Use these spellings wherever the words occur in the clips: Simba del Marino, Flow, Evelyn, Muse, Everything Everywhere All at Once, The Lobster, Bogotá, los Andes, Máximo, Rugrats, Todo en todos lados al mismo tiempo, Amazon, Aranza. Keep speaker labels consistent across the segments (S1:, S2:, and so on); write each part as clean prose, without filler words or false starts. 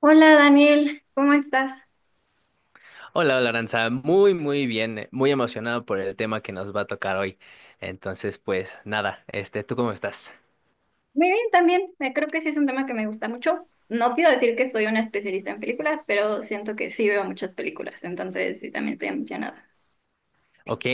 S1: Hola Daniel, ¿cómo estás?
S2: Hola, hola Aranza, muy bien, muy emocionado por el tema que nos va a tocar hoy. Entonces, pues nada, ¿tú cómo estás?
S1: Muy bien, también. Creo que sí es un tema que me gusta mucho. No quiero decir que soy una especialista en películas, pero siento que sí veo muchas películas, entonces sí también estoy emocionada.
S2: Ok,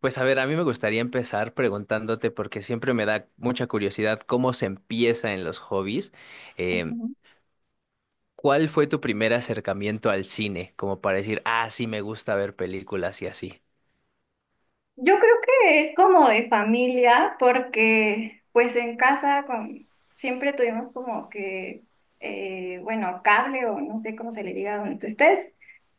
S2: pues a ver, a mí me gustaría empezar preguntándote porque siempre me da mucha curiosidad cómo se empieza en los hobbies. Em,
S1: Ujú.
S2: ¿Cuál fue tu primer acercamiento al cine? Como para decir, ah, sí me gusta ver películas y así.
S1: Yo creo que es como de familia, porque pues en casa con, siempre tuvimos como que, bueno, cable o no sé cómo se le diga donde tú estés,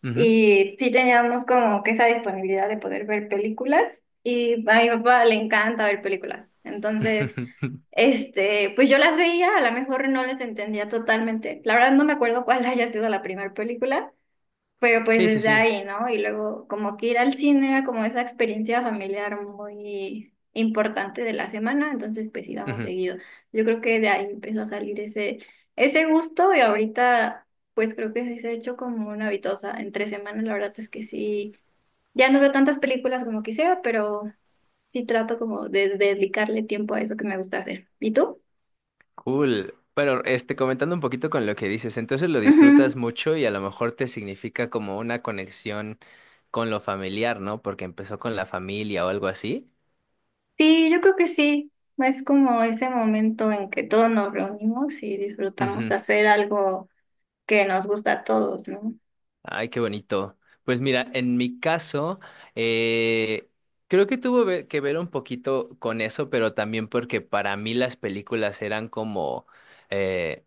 S2: Ujú.
S1: y sí teníamos como que esa disponibilidad de poder ver películas, y a mi papá le encanta ver películas, entonces... Este, pues yo las veía, a lo mejor no les entendía totalmente. La verdad no me acuerdo cuál haya sido la primera película, pero pues
S2: Sí, sí,
S1: desde
S2: sí.
S1: ahí, ¿no? Y luego como que ir al cine era como esa experiencia familiar muy importante de la semana, entonces pues íbamos seguido. Yo creo que de ahí empezó a salir ese gusto y ahorita pues creo que sí se ha hecho como una habitosa. Entre semanas la verdad es que sí, ya no veo tantas películas como quisiera, pero sí trato como de dedicarle tiempo a eso que me gusta hacer. ¿Y tú?
S2: Cool. Pero comentando un poquito con lo que dices, entonces lo
S1: Ujú.
S2: disfrutas mucho y a lo mejor te significa como una conexión con lo familiar, ¿no? Porque empezó con la familia o algo así.
S1: Sí, yo creo que sí. Es como ese momento en que todos nos reunimos y disfrutamos de
S2: Ujú.
S1: hacer algo que nos gusta a todos, ¿no?
S2: Ay, qué bonito. Pues mira, en mi caso, eh, creo que que ver un poquito con eso, pero también porque para mí las películas eran como, eh,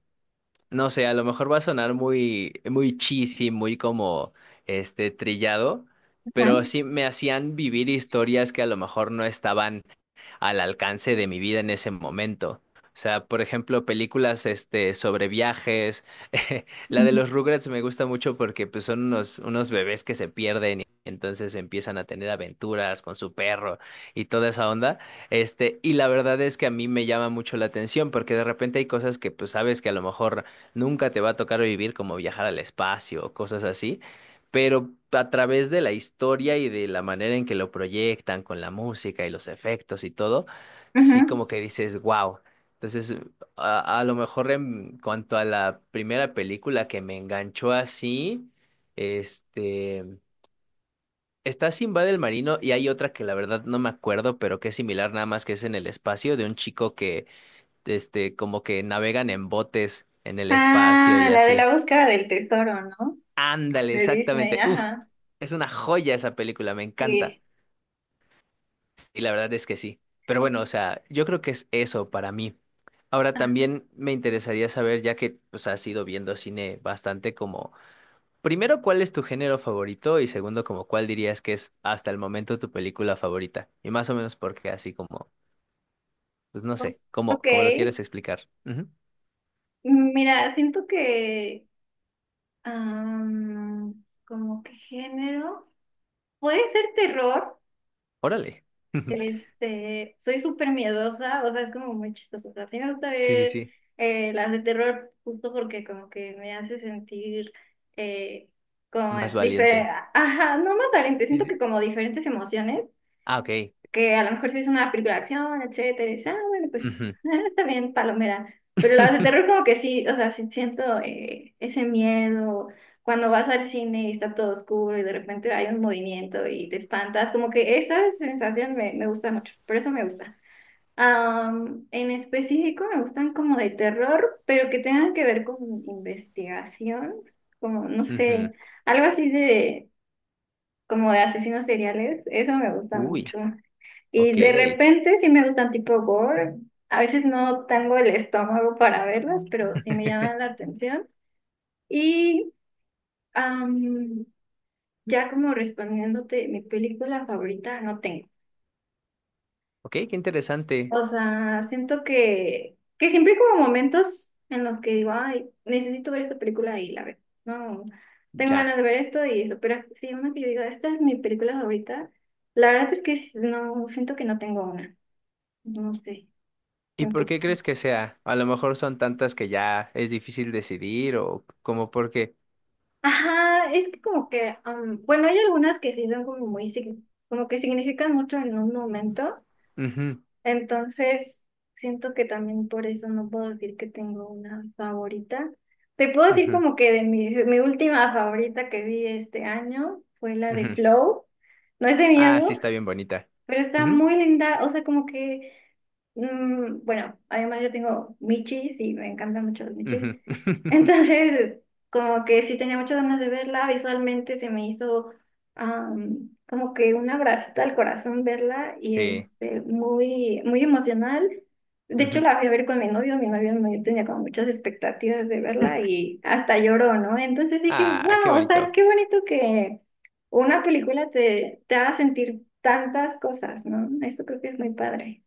S2: no sé, a lo mejor va a sonar muy cheesy, muy como trillado,
S1: Ajá.
S2: pero sí me hacían vivir historias que a lo mejor no estaban al alcance de mi vida en ese momento. O sea, por ejemplo, películas sobre viajes. La de
S1: Ujú.
S2: los Rugrats me gusta mucho porque pues, son unos bebés que se pierden y entonces empiezan a tener aventuras con su perro y toda esa onda. Y la verdad es que a mí me llama mucho la atención porque de repente hay cosas que pues sabes que a lo mejor nunca te va a tocar vivir, como viajar al espacio o cosas así, pero a través de la historia y de la manera en que lo proyectan con la música y los efectos y todo, sí
S1: Ujú.
S2: como que dices, wow. Entonces, a lo mejor en cuanto a la primera película que me enganchó así, este, está Simba del Marino y hay otra que la verdad no me acuerdo, pero que es similar nada más que es en el espacio de un chico que, como que navegan en botes en el espacio
S1: Ah,
S2: y
S1: la de
S2: así.
S1: la búsqueda del tesoro, ¿no?
S2: Ándale,
S1: De Disney,
S2: exactamente. Uf,
S1: ajá.
S2: es una joya esa película, me encanta.
S1: Sí.
S2: Y la verdad es que sí. Pero bueno, o sea, yo creo que es eso para mí. Ahora
S1: Ah,
S2: también me interesaría saber, ya que pues has ido viendo cine bastante como, primero, ¿cuál es tu género favorito? Y segundo, como, ¿cuál dirías que es hasta el momento tu película favorita? Y más o menos porque así como, pues no
S1: o-
S2: sé,
S1: ok.
S2: como lo quieres explicar. Ujú.
S1: Mira, siento que, como que género, puede ser terror.
S2: Órale.
S1: Este, soy súper miedosa, o sea, es como muy chistoso. O sea, sí me gusta
S2: Sí, sí,
S1: ver
S2: sí.
S1: las de terror justo porque como que me hace sentir eh, como
S2: Más
S1: diferente,
S2: valiente.
S1: ajá, no más valiente,
S2: Sí,
S1: siento que
S2: sí.
S1: como diferentes emociones
S2: Ah, ok.
S1: que a lo mejor si es una película de acción, etcétera, y dices, ah, bueno, pues
S2: Ujú.
S1: está bien, palomera. Pero las de terror como que sí, o sea, sí siento ese miedo. Cuando vas al cine y está todo oscuro y de repente hay un movimiento y te espantas, como que esa sensación me gusta mucho, por eso me gusta. En específico me gustan como de terror, pero que tengan que ver con investigación, como no sé,
S2: Ujú.
S1: algo así de como de asesinos seriales, eso me gusta
S2: Uy,
S1: mucho. Y
S2: ok.
S1: de repente sí me gustan tipo gore. A veces no tengo el estómago para verlas, pero sí me llaman la atención. Y am, ya como respondiéndote, mi película favorita no tengo.
S2: Ok, qué interesante.
S1: O sea, siento que siempre hay como momentos en los que digo, ay, necesito ver esta película y la veo. No, tengo
S2: Ya.
S1: ganas de ver esto y eso. Pero sí, una que yo digo, esta es mi película favorita. La verdad es que no, siento que no tengo una. No sé.
S2: ¿Y
S1: En
S2: por qué crees que sea? A lo mejor son tantas que ya es difícil decidir o como porque.
S1: Ajá, es que como que, bueno, hay algunas que sí son como muy, como que significan mucho en un momento,
S2: Ujú,
S1: entonces siento que también por eso no puedo decir que tengo una favorita. Te puedo decir
S2: ujú,
S1: como que de mi última favorita que vi este año fue la de
S2: ujú.
S1: Flow, no es de
S2: Ah, sí,
S1: miedo,
S2: está bien bonita.
S1: pero está
S2: Ujú,
S1: muy linda, o sea, como que... Mm, bueno, además yo tengo michis y me encantan mucho los michis.
S2: ujú.
S1: Entonces, como que sí tenía muchas ganas de verla, visualmente se me hizo como que un abracito al corazón verla y
S2: Sí.
S1: este, muy, muy emocional. De hecho,
S2: Ujú.
S1: la fui a ver con mi novio no yo tenía como muchas expectativas de verla y hasta lloró, ¿no? Entonces dije,
S2: Ah, qué
S1: wow, o sea,
S2: bonito.
S1: qué bonito que una película te haga sentir tantas cosas, ¿no? Esto creo que es muy padre.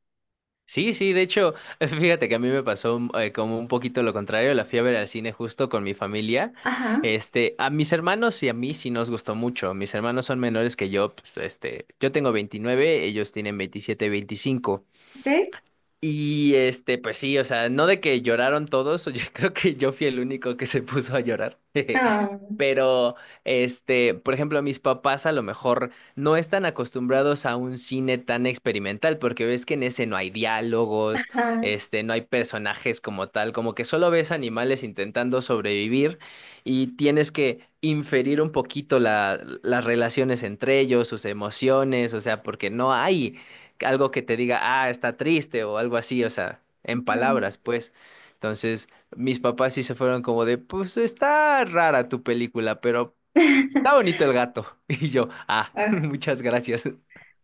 S2: Sí, sí, de hecho, fíjate que a mí me pasó como un poquito lo contrario, la fui a ver al cine justo con mi familia.
S1: Ajá.
S2: A mis hermanos y a mí sí nos gustó mucho. Mis hermanos son menores que yo, pues, yo tengo 29, ellos tienen 27, 25.
S1: ¿Sí?
S2: Y pues sí, o sea, no de que lloraron todos, yo creo que yo fui el único que se puso a llorar.
S1: Ah,
S2: Pero, por ejemplo, mis papás a lo mejor no están acostumbrados a un cine tan experimental, porque ves que en ese no hay diálogos,
S1: ajá.
S2: no hay personajes como tal, como que solo ves animales intentando sobrevivir y tienes que inferir un poquito las relaciones entre ellos, sus emociones, o sea, porque no hay algo que te diga, ah, está triste o algo así, o sea, en palabras, pues. Entonces, mis papás sí se fueron como de, pues está rara tu película, pero
S1: Ah.
S2: está bonito el gato. Y yo, ah,
S1: Ah,
S2: muchas gracias.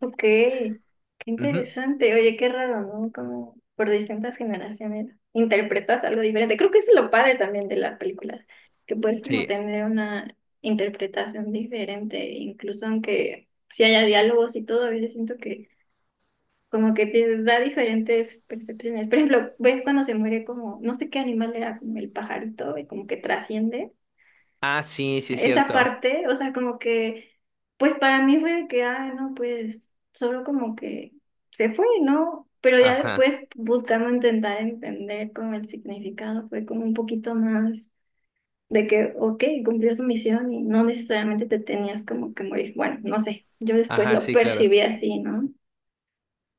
S1: ok, qué
S2: Ujú.
S1: interesante. Oye, qué raro, ¿no? Como por distintas generaciones interpretas algo diferente. Creo que eso es lo padre también de las películas, que puedes como
S2: Sí.
S1: tener una interpretación diferente, incluso aunque si haya diálogos y todo, a veces siento que como que te da diferentes percepciones. Por ejemplo, ves cuando se muere como, no sé qué animal era, como el pajarito, y como que trasciende
S2: Ah, sí, sí es
S1: esa
S2: cierto.
S1: parte, o sea, como que, pues para mí fue de que, ah, no, pues solo como que se fue, ¿no? Pero ya
S2: Ajá,
S1: después buscando intentar entender como el significado, fue como un poquito más de que, ok, cumplió su misión y no necesariamente te tenías como que morir. Bueno, no sé, yo después
S2: ajá,
S1: lo
S2: sí, claro.
S1: percibí así, ¿no?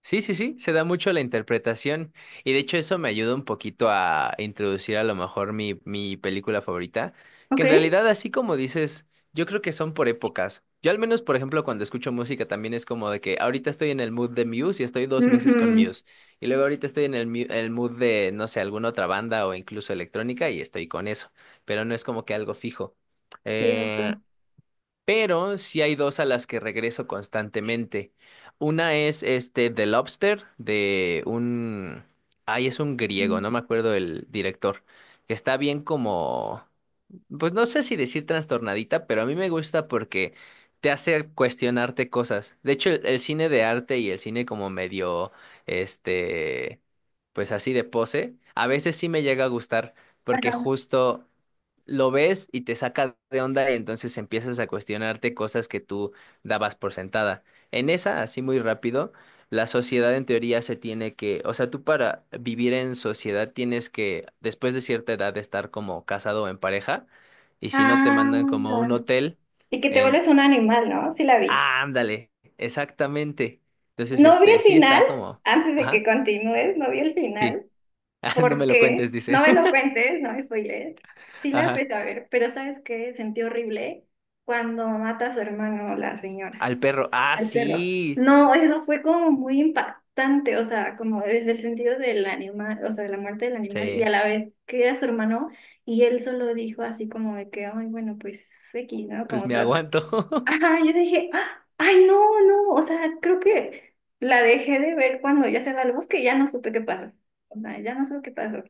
S2: Sí, sí, sí, se da mucho la interpretación y de hecho eso me ayuda un poquito a introducir a lo mejor mi película favorita, que
S1: Ok.
S2: en realidad así como dices, yo creo que son por épocas. Yo al menos, por ejemplo, cuando escucho música también es como de que ahorita estoy en el mood de Muse y estoy 2 meses con
S1: Ujú.
S2: Muse y luego ahorita estoy en el, el mood de, no sé, alguna otra banda o incluso electrónica y estoy con eso, pero no es como que algo fijo.
S1: Sí,
S2: Eh,
S1: justo.
S2: pero sí hay dos a las que regreso constantemente. Una es The Lobster de un... Ay, es un griego, no me acuerdo el director, que está bien como pues no sé si decir trastornadita, pero a mí me gusta porque te hace cuestionarte cosas. De hecho, el cine de arte y el cine como medio, este, pues así de pose, a veces sí me llega a gustar porque
S1: Ajá.
S2: justo lo ves y te saca de onda y entonces empiezas a cuestionarte cosas que tú dabas por sentada. En esa, así muy rápido, la sociedad en teoría se tiene que, o sea, tú para vivir en sociedad tienes que, después de cierta edad, estar como casado o en pareja. Y si no, te mandan como a un
S1: Ah,
S2: hotel
S1: y que te
S2: en...
S1: vuelves un animal, ¿no? Sí la vi.
S2: Ah, ándale, exactamente. Entonces,
S1: No vi el
S2: sí
S1: final,
S2: está como...
S1: antes de que
S2: Ajá,
S1: continúes, no vi el
S2: sí.
S1: final,
S2: Ah, no me lo
S1: porque
S2: cuentes,
S1: no
S2: dice.
S1: me lo cuentes, no me spoilees. Sí la
S2: Ajá.
S1: empecé a ver, pero ¿sabes qué? Sentí horrible cuando mata a su hermano, la señora,
S2: Al perro. Ah,
S1: al perro.
S2: sí.
S1: No, eso fue como muy impactante, o sea, como desde el sentido del animal, o sea, de la muerte del animal, y a
S2: Sí,
S1: la vez que era su hermano, y él solo dijo así como de que, ay, bueno, pues X, ¿no?
S2: pues
S1: Como
S2: me aguanto.
S1: Ajá, yo dije, "Ah, ay, no, no, o sea, creo que la dejé de ver cuando ya se va al bosque y ya no supe qué pasó. O sea, ya no supe qué pasó.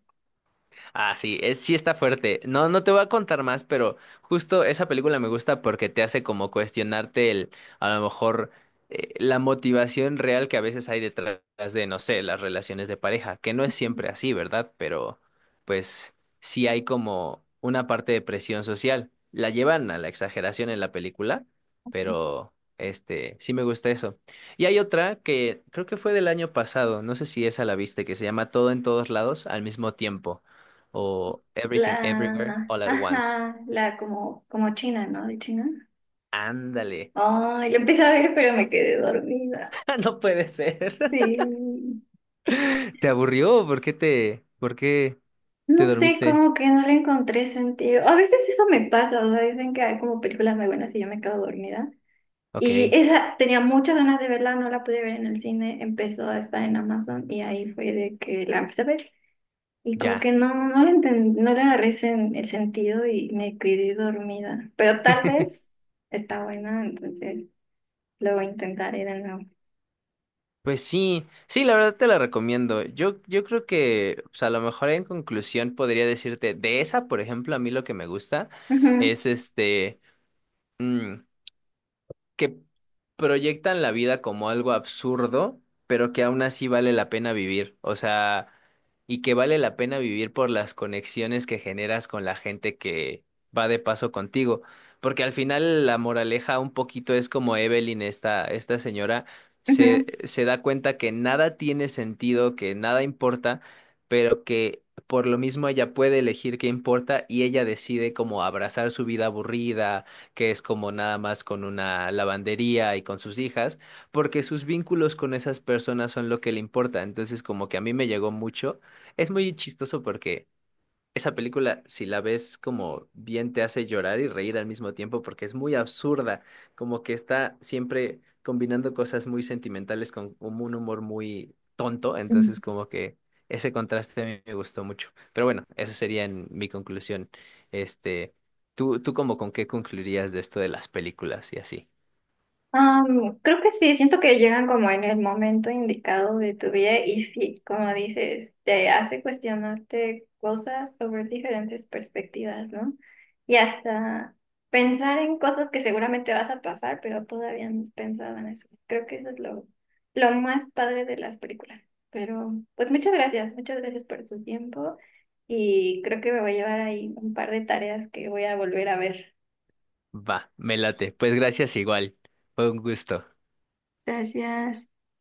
S2: Ah, sí, es, sí está fuerte. No, no te voy a contar más, pero justo esa película me gusta porque te hace como cuestionarte el, a lo mejor, la motivación real que a veces hay detrás de, no sé, las relaciones de pareja, que no es siempre así, ¿verdad? Pero, pues, sí hay como una parte de presión social. La llevan a la exageración en la película, pero, sí me gusta eso. Y hay otra que creo que fue del año pasado, no sé si esa la viste, que se llama Todo en todos lados al mismo tiempo o Everything Everywhere
S1: La,
S2: All at Once.
S1: ajá, la como, como china, ¿no? De China.
S2: Ándale.
S1: Ay, la empecé a ver, pero me quedé dormida.
S2: No puede ser.
S1: Sí.
S2: ¿Te aburrió? ¿Por qué te
S1: No sé,
S2: dormiste?
S1: como que no le encontré sentido. A veces eso me pasa, o sea, dicen que hay como películas muy buenas y yo me quedo dormida. Y
S2: Ok,
S1: esa tenía muchas ganas de verla, no la pude ver en el cine, empezó a estar en Amazon y ahí fue de que la empecé a ver. Y como
S2: ya.
S1: que no, no le no le el sentido y me quedé dormida. Pero tal vez está buena, entonces lo intentaré de nuevo.
S2: Pues sí, sí, la verdad te la recomiendo. Yo creo que, pues a lo mejor en conclusión podría decirte, de esa, por ejemplo, a mí lo que me gusta
S1: Ujú,
S2: es mm, que proyectan la vida como algo absurdo, pero que aún así vale la pena vivir. O sea, y que vale la pena vivir por las conexiones que generas con la gente que va de paso contigo. Porque al final la moraleja un poquito es como Evelyn, esta señora, se da cuenta que nada tiene sentido, que nada importa, pero que por lo mismo ella puede elegir qué importa y ella decide como abrazar su vida aburrida que es como nada más con una lavandería y con sus hijas, porque sus vínculos con esas personas son lo que le importa. Entonces, como que a mí me llegó mucho. Es muy chistoso porque esa película, si la ves como bien, te hace llorar y reír al mismo tiempo porque es muy absurda, como que está siempre combinando cosas muy sentimentales con un humor muy tonto, entonces
S1: ujú.
S2: como que ese contraste a mí me gustó mucho. Pero bueno, esa sería en mi conclusión. Este, ¿tú como con qué concluirías de esto de las películas y así?
S1: Creo que sí, siento que llegan como en el momento indicado de tu vida y sí, como dices, te hace cuestionarte cosas o ver diferentes perspectivas, ¿no? Y hasta pensar en cosas que seguramente vas a pasar, pero todavía no has pensado en eso. Creo que eso es lo más padre de las películas. Pero pues muchas gracias por tu tiempo y creo que me voy a llevar ahí un par de tareas que voy a volver a ver.
S2: Va, me late. Pues gracias igual. Fue un gusto.
S1: Gracias.